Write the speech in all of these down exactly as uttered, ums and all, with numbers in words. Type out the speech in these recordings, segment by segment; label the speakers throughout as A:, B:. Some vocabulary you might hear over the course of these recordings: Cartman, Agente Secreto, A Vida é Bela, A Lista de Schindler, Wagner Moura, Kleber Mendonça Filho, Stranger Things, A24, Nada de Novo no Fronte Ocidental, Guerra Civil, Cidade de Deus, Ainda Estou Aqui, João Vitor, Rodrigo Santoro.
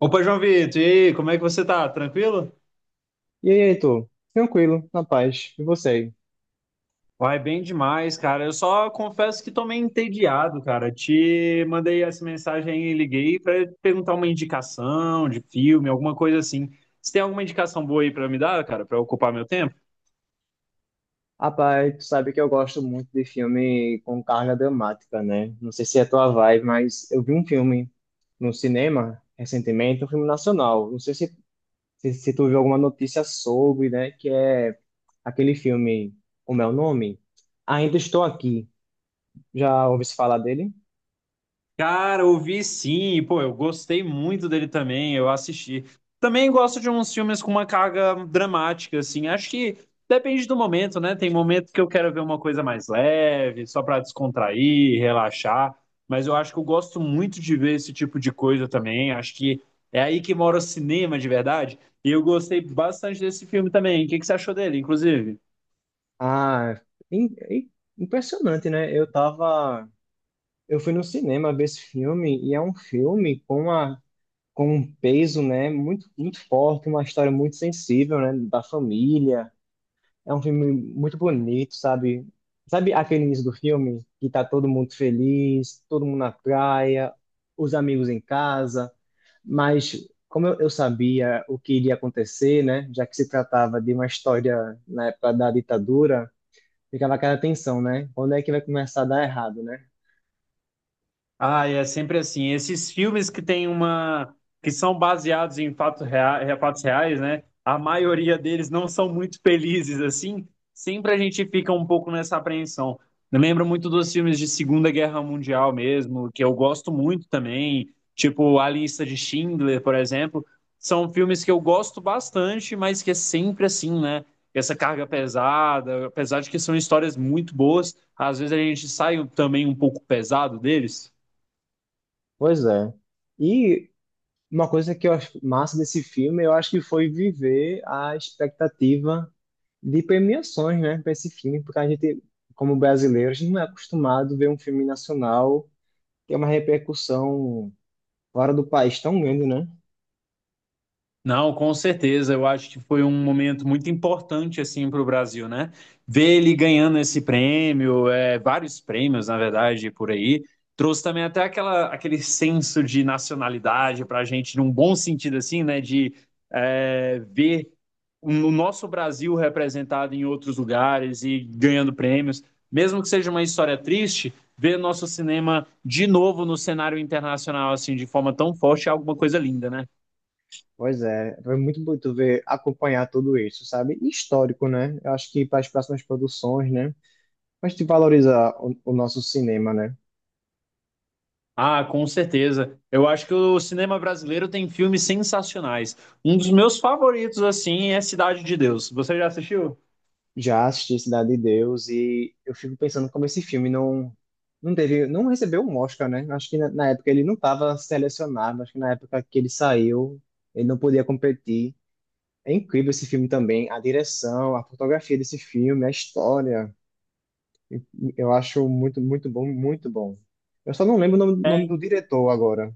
A: Opa, João Vitor, e aí, como é que você tá? Tranquilo?
B: E aí, Heitor? Tranquilo, na paz. E você?
A: Vai bem demais, cara. Eu só confesso que tô meio entediado, cara. Te mandei essa mensagem aí, e liguei pra perguntar uma indicação de filme, alguma coisa assim. Você tem alguma indicação boa aí pra me dar, cara, pra ocupar meu tempo?
B: Rapaz, tu sabe que eu gosto muito de filme com carga dramática, né? Não sei se é a tua vibe, mas eu vi um filme no cinema recentemente, um filme nacional. Não sei se, se, se tu viu alguma notícia sobre, né? Que é aquele filme, como é o nome? Ainda Estou Aqui. Já ouvi se falar dele?
A: Cara, ouvi sim, pô, eu gostei muito dele também, eu assisti. Também gosto de uns filmes com uma carga dramática, assim, acho que depende do momento, né? Tem momentos que eu quero ver uma coisa mais leve, só pra descontrair, relaxar, mas eu acho que eu gosto muito de ver esse tipo de coisa também, acho que é aí que mora o cinema de verdade, e eu gostei bastante desse filme também. O que que você achou dele, inclusive?
B: Ah, im- im- impressionante, né? Eu tava. Eu fui no cinema ver esse filme e é um filme com uma com um peso, né, muito, muito forte, uma história muito sensível, né, da família. É um filme muito bonito, sabe? Sabe aquele início do filme que tá todo mundo feliz, todo mundo na praia, os amigos em casa, mas como eu, eu sabia o que iria acontecer, né, já que se tratava de uma história na época da ditadura, ficava aquela tensão, né? Quando é que vai começar a dar errado, né?
A: Ah, é sempre assim. Esses filmes que tem uma, que são baseados em fatos reais, fatos reais, né? A maioria deles não são muito felizes assim. Sempre a gente fica um pouco nessa apreensão. Eu lembro muito dos filmes de Segunda Guerra Mundial mesmo, que eu gosto muito também, tipo A Lista de Schindler, por exemplo. São filmes que eu gosto bastante, mas que é sempre assim, né? Essa carga pesada, apesar de que são histórias muito boas, às vezes a gente sai também um pouco pesado deles.
B: Pois é. E uma coisa que eu acho massa desse filme, eu acho que foi viver a expectativa de premiações, né, para esse filme, porque a gente, como brasileiros, não é acostumado a ver um filme nacional ter uma repercussão fora do país tão grande, né?
A: Não, com certeza. Eu acho que foi um momento muito importante assim para o Brasil, né? Ver ele ganhando esse prêmio, é, vários prêmios, na verdade, por aí, trouxe também até aquela, aquele senso de nacionalidade para a gente, num bom sentido assim, né? De é, ver o nosso Brasil representado em outros lugares e ganhando prêmios, mesmo que seja uma história triste, ver nosso cinema de novo no cenário internacional assim, de forma tão forte é alguma coisa linda, né?
B: Pois é, foi muito bonito ver, acompanhar tudo isso, sabe? E histórico, né? Eu acho que para as próximas produções, né? A gente valoriza o, o nosso cinema, né?
A: Ah, com certeza. Eu acho que o cinema brasileiro tem filmes sensacionais. Um dos meus favoritos, assim, é Cidade de Deus. Você já assistiu?
B: Já assisti Cidade de Deus e eu fico pensando como esse filme não não teve, não recebeu um Oscar, né? Acho que na, na época ele não estava selecionado, acho que na época que ele saiu, ele não podia competir. É incrível esse filme também, a direção, a fotografia desse filme, a história. Eu acho muito, muito bom, muito bom. Eu só não lembro o nome, nome do diretor agora.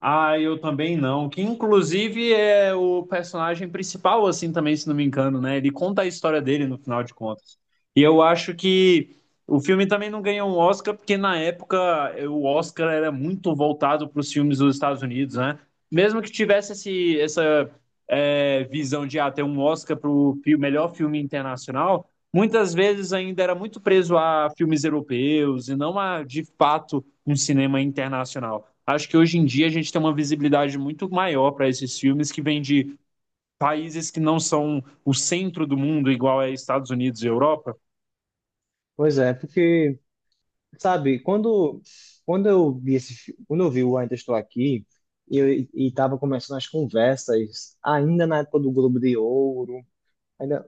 A: Ah, eu também não. Que inclusive é o personagem principal, assim, também, se não me engano, né? Ele conta a história dele no final de contas. E eu acho que o filme também não ganhou um Oscar, porque na época eh, o Oscar era muito voltado para os filmes dos Estados Unidos, né? Mesmo que tivesse esse, essa eh, visão de ah, ter um Oscar para o melhor filme internacional, muitas vezes ainda era muito preso a filmes europeus e não a, de fato, um cinema internacional. Acho que hoje em dia a gente tem uma visibilidade muito maior para esses filmes que vêm de países que não são o centro do mundo, igual é Estados Unidos e Europa.
B: Pois é, porque sabe, quando, quando eu vi esse, fi- quando eu vi o Ainda Estou Aqui, eu, e estava começando as conversas, ainda na época do Globo de Ouro, ainda,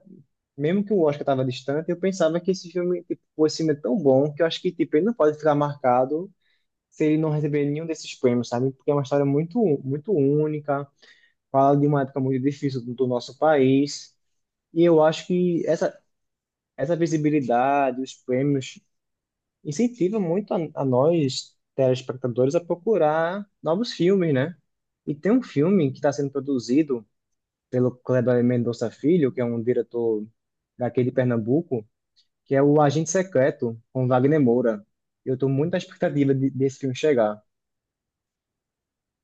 B: mesmo que o Oscar estava distante, eu pensava que esse filme, tipo, esse filme é tão bom que eu acho que, tipo, ele não pode ficar marcado se ele não receber nenhum desses prêmios, sabe? Porque é uma história muito, muito única, fala de uma época muito difícil do, do nosso país, e eu acho que essa, essa visibilidade, os prêmios incentiva muito a, a nós, telespectadores, a procurar novos filmes, né? E tem um filme que está sendo produzido pelo Kleber Mendonça Filho, que é um diretor daqui de Pernambuco, que é o Agente Secreto, com Wagner Moura. Eu estou muito na expectativa de- desse filme chegar.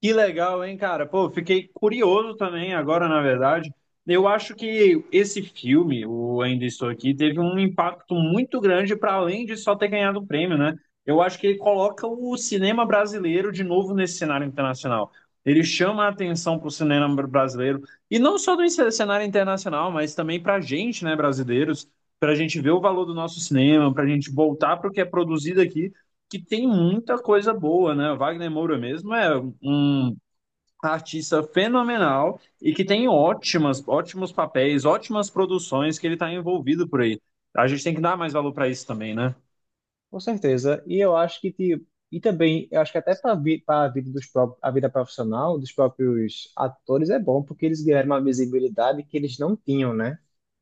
A: Que legal, hein, cara? Pô, fiquei curioso também agora, na verdade. Eu acho que esse filme, o Ainda Estou Aqui, teve um impacto muito grande para além de só ter ganhado o prêmio, né? Eu acho que ele coloca o cinema brasileiro de novo nesse cenário internacional. Ele chama a atenção para o cinema brasileiro, e não só do cenário internacional, mas também para a gente, né, brasileiros, para a gente ver o valor do nosso cinema, para a gente voltar para o que é produzido aqui que tem muita coisa boa, né? O Wagner Moura mesmo é um um artista fenomenal e que tem ótimas, ótimos papéis, ótimas produções que ele está envolvido por aí. A gente tem que dar mais valor para isso também, né?
B: Com certeza. E eu acho que, tipo, e também, eu acho que até para vi, a vida dos próprios, a vida profissional dos próprios atores é bom, porque eles ganharam uma visibilidade que eles não tinham, né?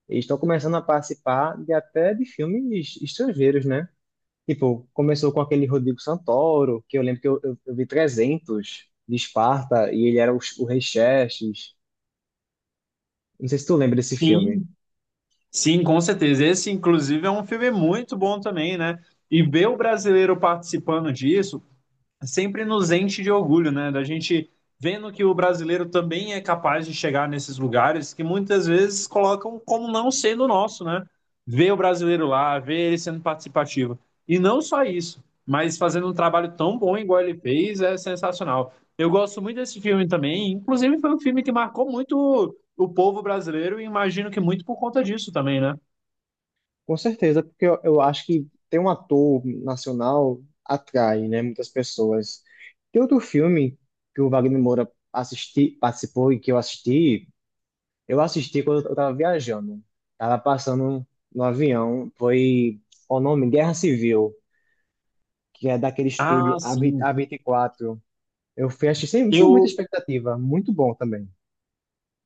B: E estão começando a participar de até de filmes estrangeiros, né? Tipo, começou com aquele Rodrigo Santoro, que eu lembro que eu, eu, eu vi trezentos de Esparta e ele era o, o Rei Xerxes. Não sei se tu lembra desse filme.
A: Sim, sim, com certeza. Esse, inclusive, é um filme muito bom também, né? E ver o brasileiro participando disso, sempre nos enche de orgulho, né? Da gente vendo que o brasileiro também é capaz de chegar nesses lugares que muitas vezes colocam como não sendo nosso, né? Ver o brasileiro lá, ver ele sendo participativo. E não só isso, mas fazendo um trabalho tão bom igual ele fez é sensacional. Eu gosto muito desse filme também, inclusive foi um filme que marcou muito o povo brasileiro e imagino que muito por conta disso também, né?
B: Com certeza, porque eu, eu acho que ter um ator nacional atrai, né, muitas pessoas. Tem outro filme que o Wagner Moura assisti, participou e que eu assisti, eu assisti quando eu tava viajando. Tava passando no avião. Foi o nome Guerra Civil, que é daquele estúdio
A: Ah,
B: A20
A: sim.
B: A vinte e quatro. Eu fui assistir sem, sem muita
A: Eu,
B: expectativa. Muito bom também.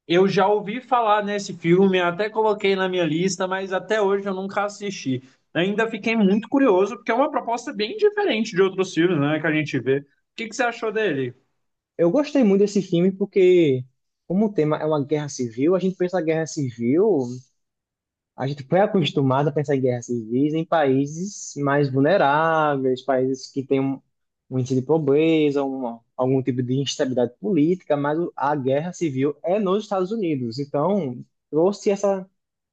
A: eu já ouvi falar nesse filme, até coloquei na minha lista, mas até hoje eu nunca assisti. Ainda fiquei muito curioso, porque é uma proposta bem diferente de outros filmes, né, que a gente vê. O que que você achou dele?
B: Eu gostei muito desse filme porque, como o tema é uma guerra civil, a gente pensa na guerra civil. A gente foi acostumado a pensar em guerras civis em países mais vulneráveis, países que têm um, um índice de pobreza, uma, algum tipo de instabilidade política, mas o- a guerra civil é nos Estados Unidos. Então, trouxe essa,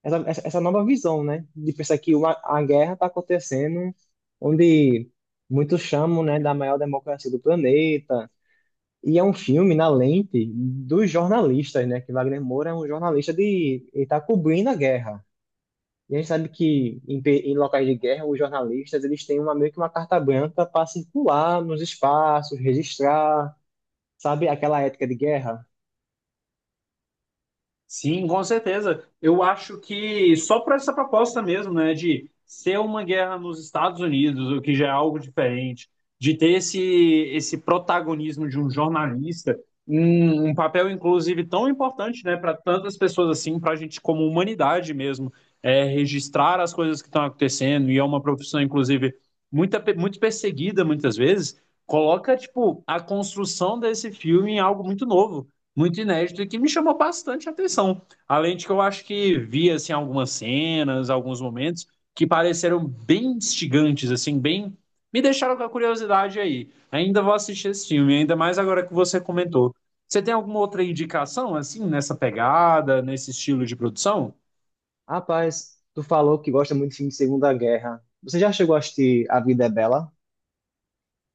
B: essa, essa essa nova visão, né? De pensar que uma, a guerra está acontecendo onde muitos chamam, né, da maior democracia do planeta. E é um filme na lente dos jornalistas, né? Que Wagner Moura é um jornalista de... Ele está cobrindo a guerra. E a gente sabe que em, pe- em locais de guerra, os jornalistas eles têm uma, meio que uma carta branca para circular nos espaços, registrar, sabe aquela ética de guerra?
A: Sim, com certeza. Eu acho que só por essa proposta mesmo, né, de ser uma guerra nos Estados Unidos, o que já é algo diferente, de ter esse, esse protagonismo de um jornalista, um, um papel inclusive tão importante, né, para tantas pessoas assim, para a gente como humanidade mesmo, é, registrar as coisas que estão acontecendo, e é uma profissão inclusive muita, pe- muito perseguida muitas vezes, coloca tipo a construção desse filme em algo muito novo muito inédito e que me chamou bastante atenção. Além de que eu acho que vi assim algumas cenas, alguns momentos que pareceram bem instigantes, assim, bem me deixaram com a curiosidade aí. Ainda vou assistir esse filme, ainda mais agora que você comentou. Você tem alguma outra indicação assim nessa pegada, nesse estilo de produção?
B: Rapaz, tu falou que gosta muito de filme de Segunda Guerra. Você já chegou a assistir A Vida é Bela?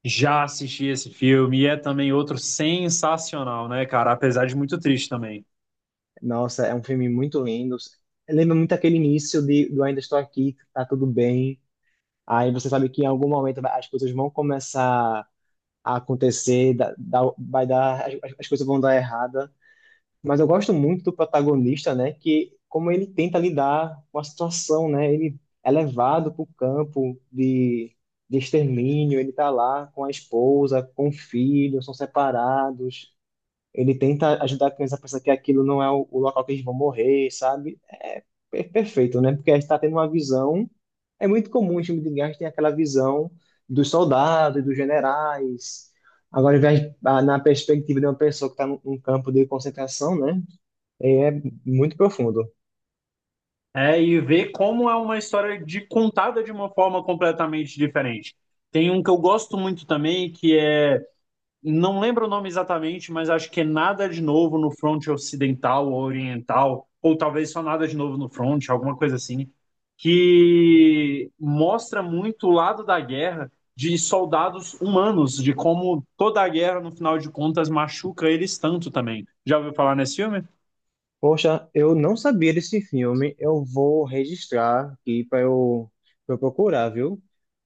A: Já assisti esse filme e é também outro sensacional, né, cara? Apesar de muito triste também.
B: Nossa, é um filme muito lindo. Lembra muito aquele início de, do Ainda Estou Aqui, tá tudo bem. Aí você sabe que em algum momento vai- as coisas vão começar a acontecer, dá- dá- vai dar, as, as coisas vão dar errada. Mas eu gosto muito do protagonista, né? Que como ele tenta lidar com a situação, né? Ele é levado para o campo de, de extermínio, ele tá lá com a esposa, com o filho, são separados. Ele tenta ajudar a criança a pensar que aquilo não é o, o local que eles vão morrer, sabe? É per- perfeito, né? Porque a gente está tendo uma visão. É muito comum em filme de guerra, a gente tem aquela visão dos soldados, dos generais. Agora, ao invés- ah, na perspectiva de uma pessoa que está num num campo de concentração, né? É é muito profundo.
A: É, e ver como é uma história de contada de uma forma completamente diferente. Tem um que eu gosto muito também, que é, não lembro o nome exatamente, mas acho que é Nada de Novo no Fronte Ocidental ou Oriental, ou talvez só Nada de Novo no Fronte, alguma coisa assim, que mostra muito o lado da guerra de soldados humanos, de como toda a guerra, no final de contas, machuca eles tanto também. Já ouviu falar nesse filme?
B: Poxa, eu não sabia desse filme. Eu vou registrar aqui para eu, pra eu procurar, viu?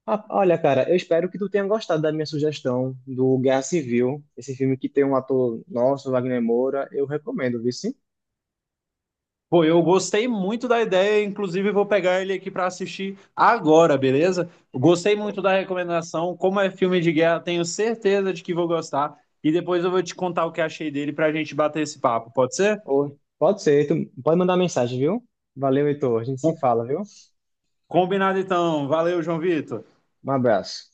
B: Ah, olha, cara, eu espero que tu tenha gostado da minha sugestão do Guerra Civil, esse filme que tem um ator nosso, Wagner Moura. Eu recomendo, viu? Sim?
A: Pô, eu gostei muito da ideia, inclusive vou pegar ele aqui para assistir agora, beleza? Gostei muito da recomendação. Como é filme de guerra, tenho certeza de que vou gostar. E depois eu vou te contar o que achei dele para a gente bater esse papo, pode ser?
B: Ou- pode ser, tu pode mandar mensagem, viu? Valeu, Heitor. A gente se
A: Com-
B: fala, viu?
A: Combinado então. Valeu, João Vitor.
B: Um abraço.